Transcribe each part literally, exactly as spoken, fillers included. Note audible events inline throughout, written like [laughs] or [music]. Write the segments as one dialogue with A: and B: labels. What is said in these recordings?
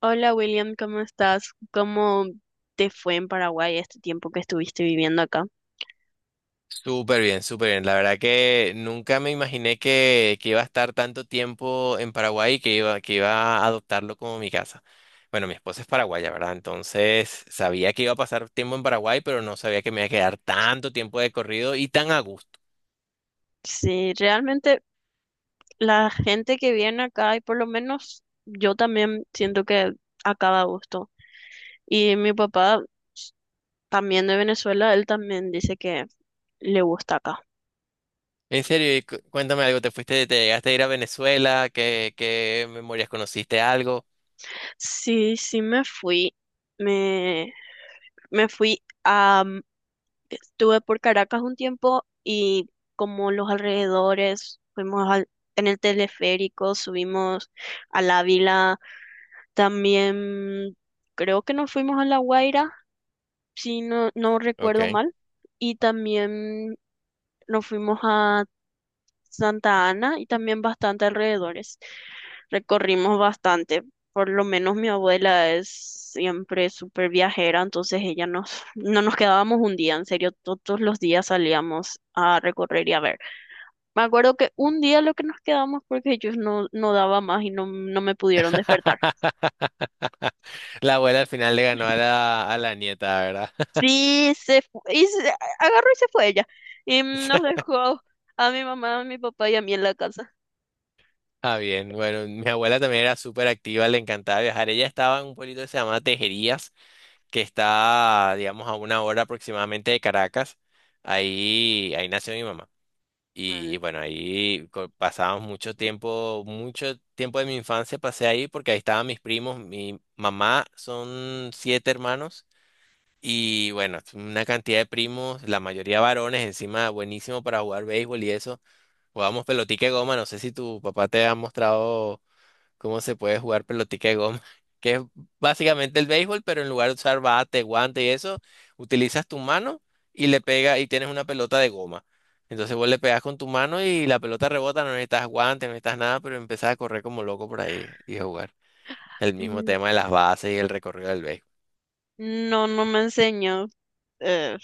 A: Hola William, ¿cómo estás? ¿Cómo te fue en Paraguay este tiempo que estuviste viviendo acá?
B: Súper bien, súper bien. La verdad que nunca me imaginé que, que iba a estar tanto tiempo en Paraguay y que iba, que iba a adoptarlo como mi casa. Bueno, mi esposa es paraguaya, ¿verdad? Entonces sabía que iba a pasar tiempo en Paraguay, pero no sabía que me iba a quedar tanto tiempo de corrido y tan a gusto.
A: Sí, realmente la gente que viene acá, y por lo menos yo también siento que acaba a gusto. Y mi papá también de Venezuela, él también dice que le gusta acá.
B: En serio, y cu- cuéntame algo. ¿Te fuiste? ¿Te llegaste a ir a Venezuela? ¿Qué, qué memorias conociste algo?
A: Sí, sí me fui. Me, me fui. Estuve por Caracas un tiempo y como los alrededores, fuimos al- en el teleférico, subimos al Ávila, también creo que nos fuimos a La Guaira, si no, no recuerdo
B: Ok.
A: mal, y también nos fuimos a Santa Ana y también bastante alrededores. Recorrimos bastante. Por lo menos mi abuela es siempre súper viajera, entonces ella nos, no nos quedábamos un día, en serio, todos los días salíamos a recorrer y a ver. Me acuerdo que un día lo que nos quedamos porque ellos no, no daba más y no, no me pudieron despertar.
B: [laughs] La abuela al final le ganó a la, a la nieta, ¿verdad?
A: Sí, se fu- y se- agarró y se fue ella. Y nos
B: [laughs]
A: dejó a mi mamá, a mi papá y a mí en la casa.
B: Ah, bien, bueno, mi abuela también era súper activa, le encantaba viajar. Ella estaba en un pueblito que se llama Tejerías, que está, digamos, a una hora aproximadamente de Caracas. Ahí, ahí nació mi mamá.
A: Ah,
B: Y bueno, ahí co- pasábamos mucho tiempo, mucho tiempo de mi infancia pasé ahí porque ahí estaban mis primos. Mi mamá son siete hermanos y bueno, una cantidad de primos, la mayoría varones, encima buenísimo para jugar béisbol y eso. Jugábamos pelotica de goma, no sé si tu papá te ha mostrado cómo se puede jugar pelotica de goma, [laughs] que es básicamente el béisbol, pero en lugar de usar bate, guante y eso, utilizas tu mano y le pegas y tienes una pelota de goma. Entonces vos le pegas con tu mano y la pelota rebota, no necesitas guante, no necesitas nada, pero empezás a correr como loco por ahí y a jugar. El mismo
A: mm.
B: tema de las bases y el recorrido del béisbol.
A: No, no me enseñó. eh,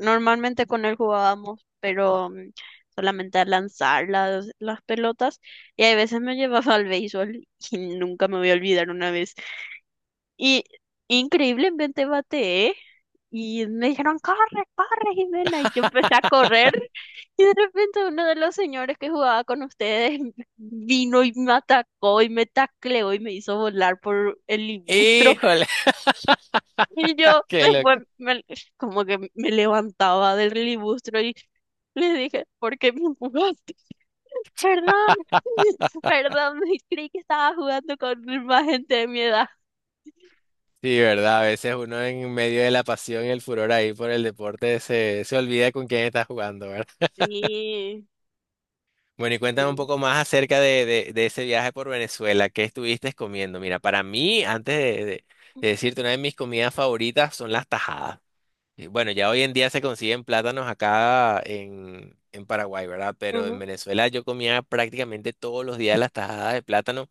A: Normalmente con él jugábamos, pero mm, solamente a lanzar las, las pelotas. Y hay veces me [laughs] llevaba al béisbol y nunca me voy a olvidar una vez. Y increíblemente bateé. Y me dijeron, corre, corre, Jimena. Y yo empecé a correr. Y de repente uno de los señores que jugaba con ustedes [laughs] vino y me atacó y me tacleó y me hizo volar por el libustro.
B: Híjole,
A: Y yo
B: [laughs] qué
A: después
B: loco.
A: me- como que me levantaba del libustro y le dije, ¿por qué me empujaste? Perdón, [laughs] perdón, creí que estaba jugando con más gente de mi edad.
B: Sí, verdad, a veces uno en medio de la pasión y el furor ahí por el deporte se, se olvida con quién está jugando, ¿verdad?
A: Sí,
B: Bueno, y cuéntame un
A: sí.
B: poco más acerca de, de- de ese viaje por Venezuela. ¿Qué estuviste comiendo? Mira, para mí, antes de, de- de decirte, una de mis comidas favoritas son las tajadas. Y Bueno, ya hoy en día se consiguen plátanos acá en, en Paraguay, ¿verdad? Pero en
A: Ujú.
B: Venezuela yo comía prácticamente todos los días las tajadas de plátano.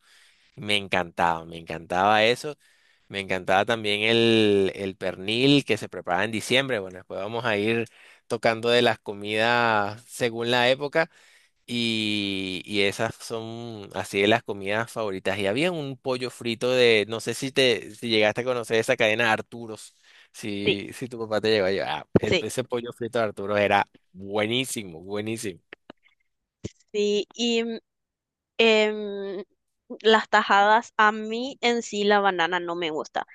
B: Me encantaba, me encantaba eso. Me encantaba también el, el pernil que se preparaba en diciembre. Bueno, después vamos a ir tocando de las comidas según la época. Y, y esas son así de las comidas favoritas. Y había un pollo frito de, no sé si te, si llegaste a conocer esa cadena Arturos,
A: Sí,
B: si, si tu papá te llegó a llevar. el-
A: sí,
B: Ese pollo frito de Arturos era buenísimo, buenísimo.
A: sí. Y mm, em, las tajadas, a mí en sí la banana no me gusta.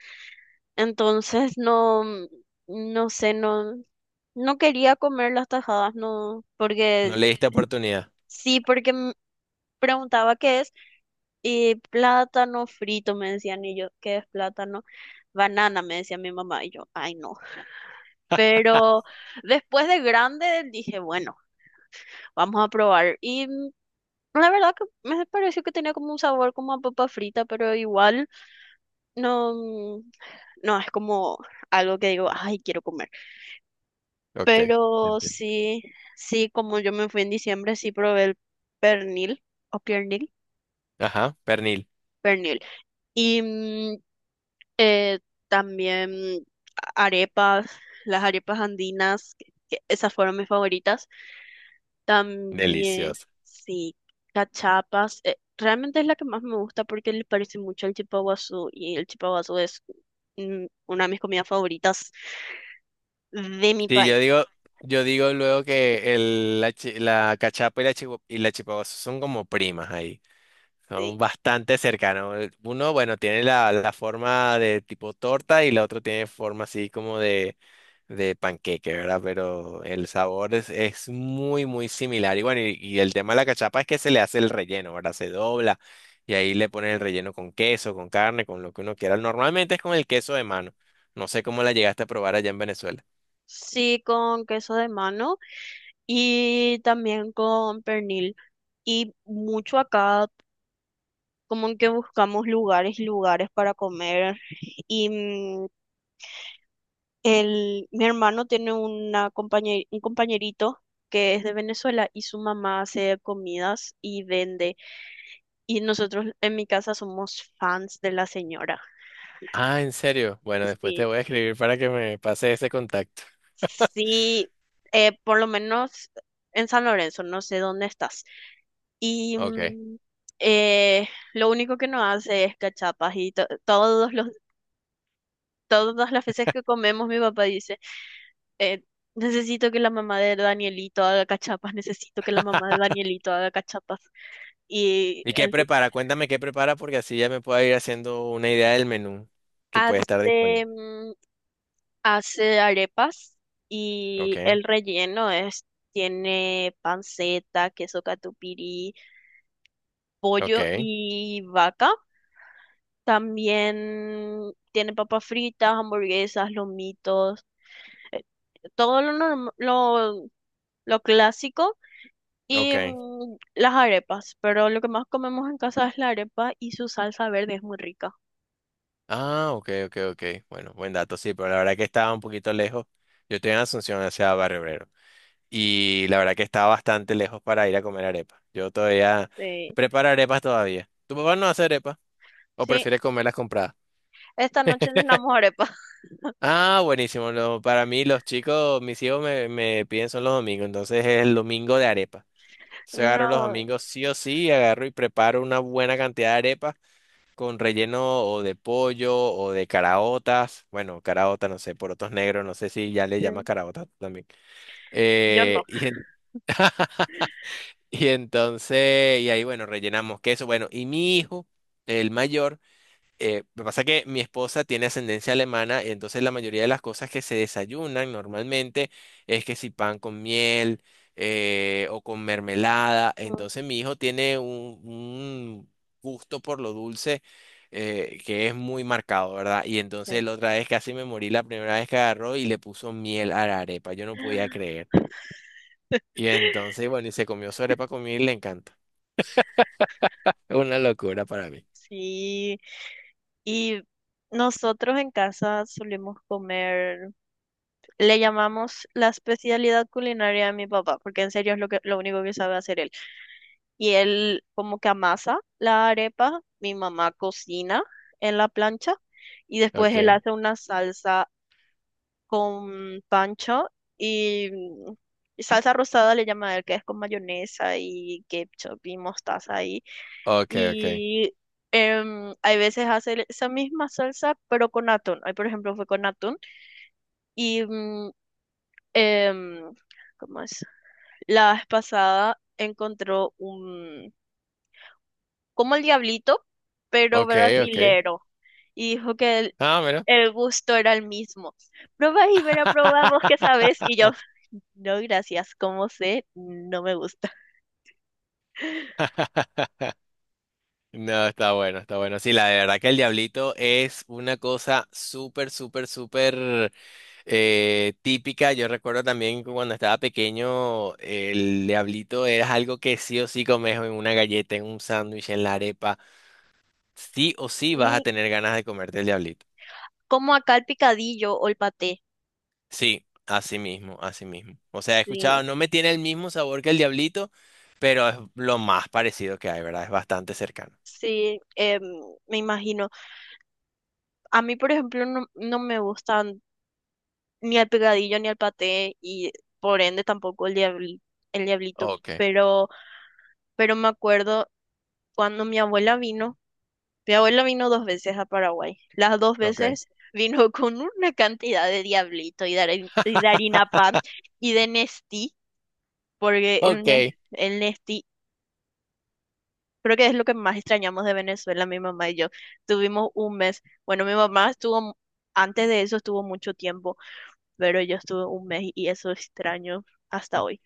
A: Entonces no, mm, no sé, no, no quería comer las tajadas, no, porque
B: No le diste oportunidad.
A: sí, porque me preguntaba qué es. Y plátano frito, me decían, y yo, ¿qué es plátano? Banana, me decía mi mamá, y yo, ay no. Pero después de grande dije, bueno, vamos a probar. Y mm, la verdad que me pareció que tenía como un sabor como a papa frita, pero igual no, mm, no es como algo que digo, ay, quiero comer.
B: Ok,
A: Pero
B: entiendo.
A: sí, sí, como yo me fui en diciembre, sí probé el pernil, o piernil,
B: Ajá, pernil.
A: pernil. Y mm, Eh, también arepas, las arepas andinas, que- que esas fueron mis favoritas. También,
B: Delicioso.
A: sí, cachapas. Eh, realmente es la que más me gusta porque le parece mucho al chipaguazú y el chipaguazú es, mm, una de mis comidas favoritas de mi
B: Sí, yo
A: país.
B: digo, yo digo luego que el, la, chi- la cachapa y la, chihu- y la chihuahua son como primas ahí. Son
A: Sí,
B: bastante cercanos. Eh, Uno, bueno, tiene la, la forma de tipo torta y la otra tiene forma así como de, de panqueque, ¿verdad? Pero el sabor es, es muy, muy similar. Y bueno, y, y el tema de la cachapa es que se le hace el relleno, ¿verdad? Se dobla y ahí le ponen el relleno con queso, con carne, con lo que uno quiera. Normalmente es con el queso de mano. No sé cómo la llegaste a probar allá en Venezuela.
A: sí, con queso de mano y también con pernil. Y mucho acá, como que buscamos lugares y lugares para comer. Y mm, El, mi hermano tiene una compañe- un compañerito que es de Venezuela y su mamá hace comidas y vende. Y nosotros en mi casa somos fans de la señora.
B: Ah, ¿en serio? Bueno, después te
A: Sí,
B: voy a escribir para que me pase ese contacto.
A: sí, eh, por lo menos en San Lorenzo, no sé dónde estás. Y
B: Ok.
A: mm, eh, lo único que nos hace es cachapas y to- todos los, todas las veces que comemos, mi papá dice. eh, Necesito que la mamá de Danielito haga cachapas, necesito que la mamá de Danielito haga cachapas. Y
B: ¿Y qué
A: ente-
B: prepara? Cuéntame qué prepara porque así ya me puedo ir haciendo una idea del menú que puede estar disponible.
A: hace, mm, hace arepas y
B: Ok,
A: el relleno es, tiene panceta, queso catupirí, pollo
B: ok,
A: y vaca. También tiene papas fritas, hamburguesas, lomitos, todo lo, norm- lo, lo clásico. Y
B: ok.
A: mm, las arepas, pero lo que más comemos en casa es la arepa y su salsa verde es muy rica.
B: Ah, ok, ok, ok. Bueno, buen dato, sí, pero la verdad que estaba un poquito lejos. Yo estoy en Asunción hacia Barrio Obrero y la verdad que estaba bastante lejos para ir a comer arepas. Yo todavía
A: Sí,
B: preparo arepas todavía. ¿Tu papá no hace arepas o
A: sí,
B: prefiere comerlas compradas?
A: esta noche cenamos arepa.
B: Ah, buenísimo. lo- para mí los chicos, mis hijos me, me piden son los domingos, entonces es el domingo de arepa.
A: [laughs]
B: Se agarro los
A: No,
B: domingos sí o sí, agarro y preparo una buena cantidad de arepas con relleno o de pollo o de caraotas. Bueno, caraota, no sé, porotos negros, no sé si ya le llamas
A: sí,
B: caraota también.
A: yo no.
B: Eh, [laughs] y, en- y entonces, y ahí, bueno, rellenamos queso. Bueno, y mi hijo, el mayor eh, lo que pasa es que mi esposa tiene ascendencia alemana, y entonces la mayoría de las cosas que se desayunan normalmente es que si pan con miel eh, o con mermelada.
A: Mm.
B: Entonces mi hijo tiene un, un gusto por lo dulce eh, que es muy marcado, ¿verdad? Y entonces
A: Sí.
B: la otra vez casi me morí la primera vez que agarró y le puso miel a la arepa. Yo no podía creer. Y
A: [laughs]
B: entonces, bueno, y se comió su arepa con miel y le encanta. Es una locura para mí.
A: Sí, y nosotros en casa solemos comer. Le llamamos la especialidad culinaria de mi papá, porque en serio es lo que, lo único que sabe hacer él. Y él como que amasa la arepa, mi mamá cocina en la plancha y después él
B: Ok,
A: hace una salsa con pancho y, mm, y salsa rosada le llama a él, que es con mayonesa y ketchup y mostaza y,
B: ok, ok,
A: y em, hay veces hace esa misma salsa pero con atún. Hoy por ejemplo fue con atún y mm, em, ¿cómo es? La vez pasada encontró un, como el diablito, pero
B: ok, ok.
A: brasilero, y dijo que el,
B: Ah, mira.
A: el gusto era el mismo. Probá y verá, probá vos que sabes, y
B: [laughs]
A: yo, [laughs] no, gracias, como sé, no me gusta.
B: No, está bueno, está bueno. Sí, la de verdad que el diablito es una cosa súper, súper, súper eh, típica. Yo recuerdo también que cuando estaba pequeño, el diablito era algo que sí o sí comes en una galleta, en un sándwich, en la arepa. Sí o sí vas a
A: Y
B: tener ganas de comerte el diablito.
A: como acá el picadillo o el paté,
B: Sí, así mismo, así mismo. O sea, he
A: sí,
B: escuchado, no me tiene el mismo sabor que el diablito, pero es lo más parecido que hay, ¿verdad? Es bastante cercano.
A: sí, em, me imagino. A mí, por ejemplo, no, no me gustan ni el picadillo ni el paté, y por ende tampoco el diabli- el diablito,
B: Ok,
A: pero pero me acuerdo cuando mi abuela vino, mi abuela vino dos veces a Paraguay, las dos
B: ok.
A: veces vino [laughs] con una cantidad de diablito y de, harin- y de harina pan y de Nestí, porque el,
B: Ok,
A: ne- el Nestí creo que es lo que más extrañamos de Venezuela, mi mamá y yo. Tuvimos un mes, bueno, mi mamá estuvo, mu- antes de eso estuvo mucho tiempo, pero yo estuve un mes y eso extraño hasta hoy.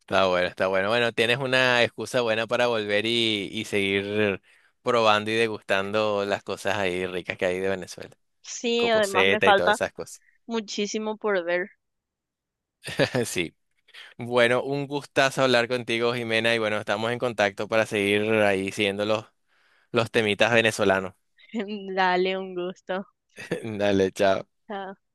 B: está bueno, está bueno. Bueno, tienes una excusa buena para volver y, y seguir probando y degustando las cosas ahí ricas que hay de Venezuela.
A: Sí, además me
B: Cocoseta y todas
A: falta
B: esas cosas.
A: muchísimo por ver.
B: [laughs] Sí. Bueno, un gustazo hablar contigo, Jimena, y bueno, estamos en contacto para seguir ahí siguiendo los, los temitas venezolanos.
A: [laughs] Dale un gusto.
B: [laughs] Dale, chao.
A: Chao.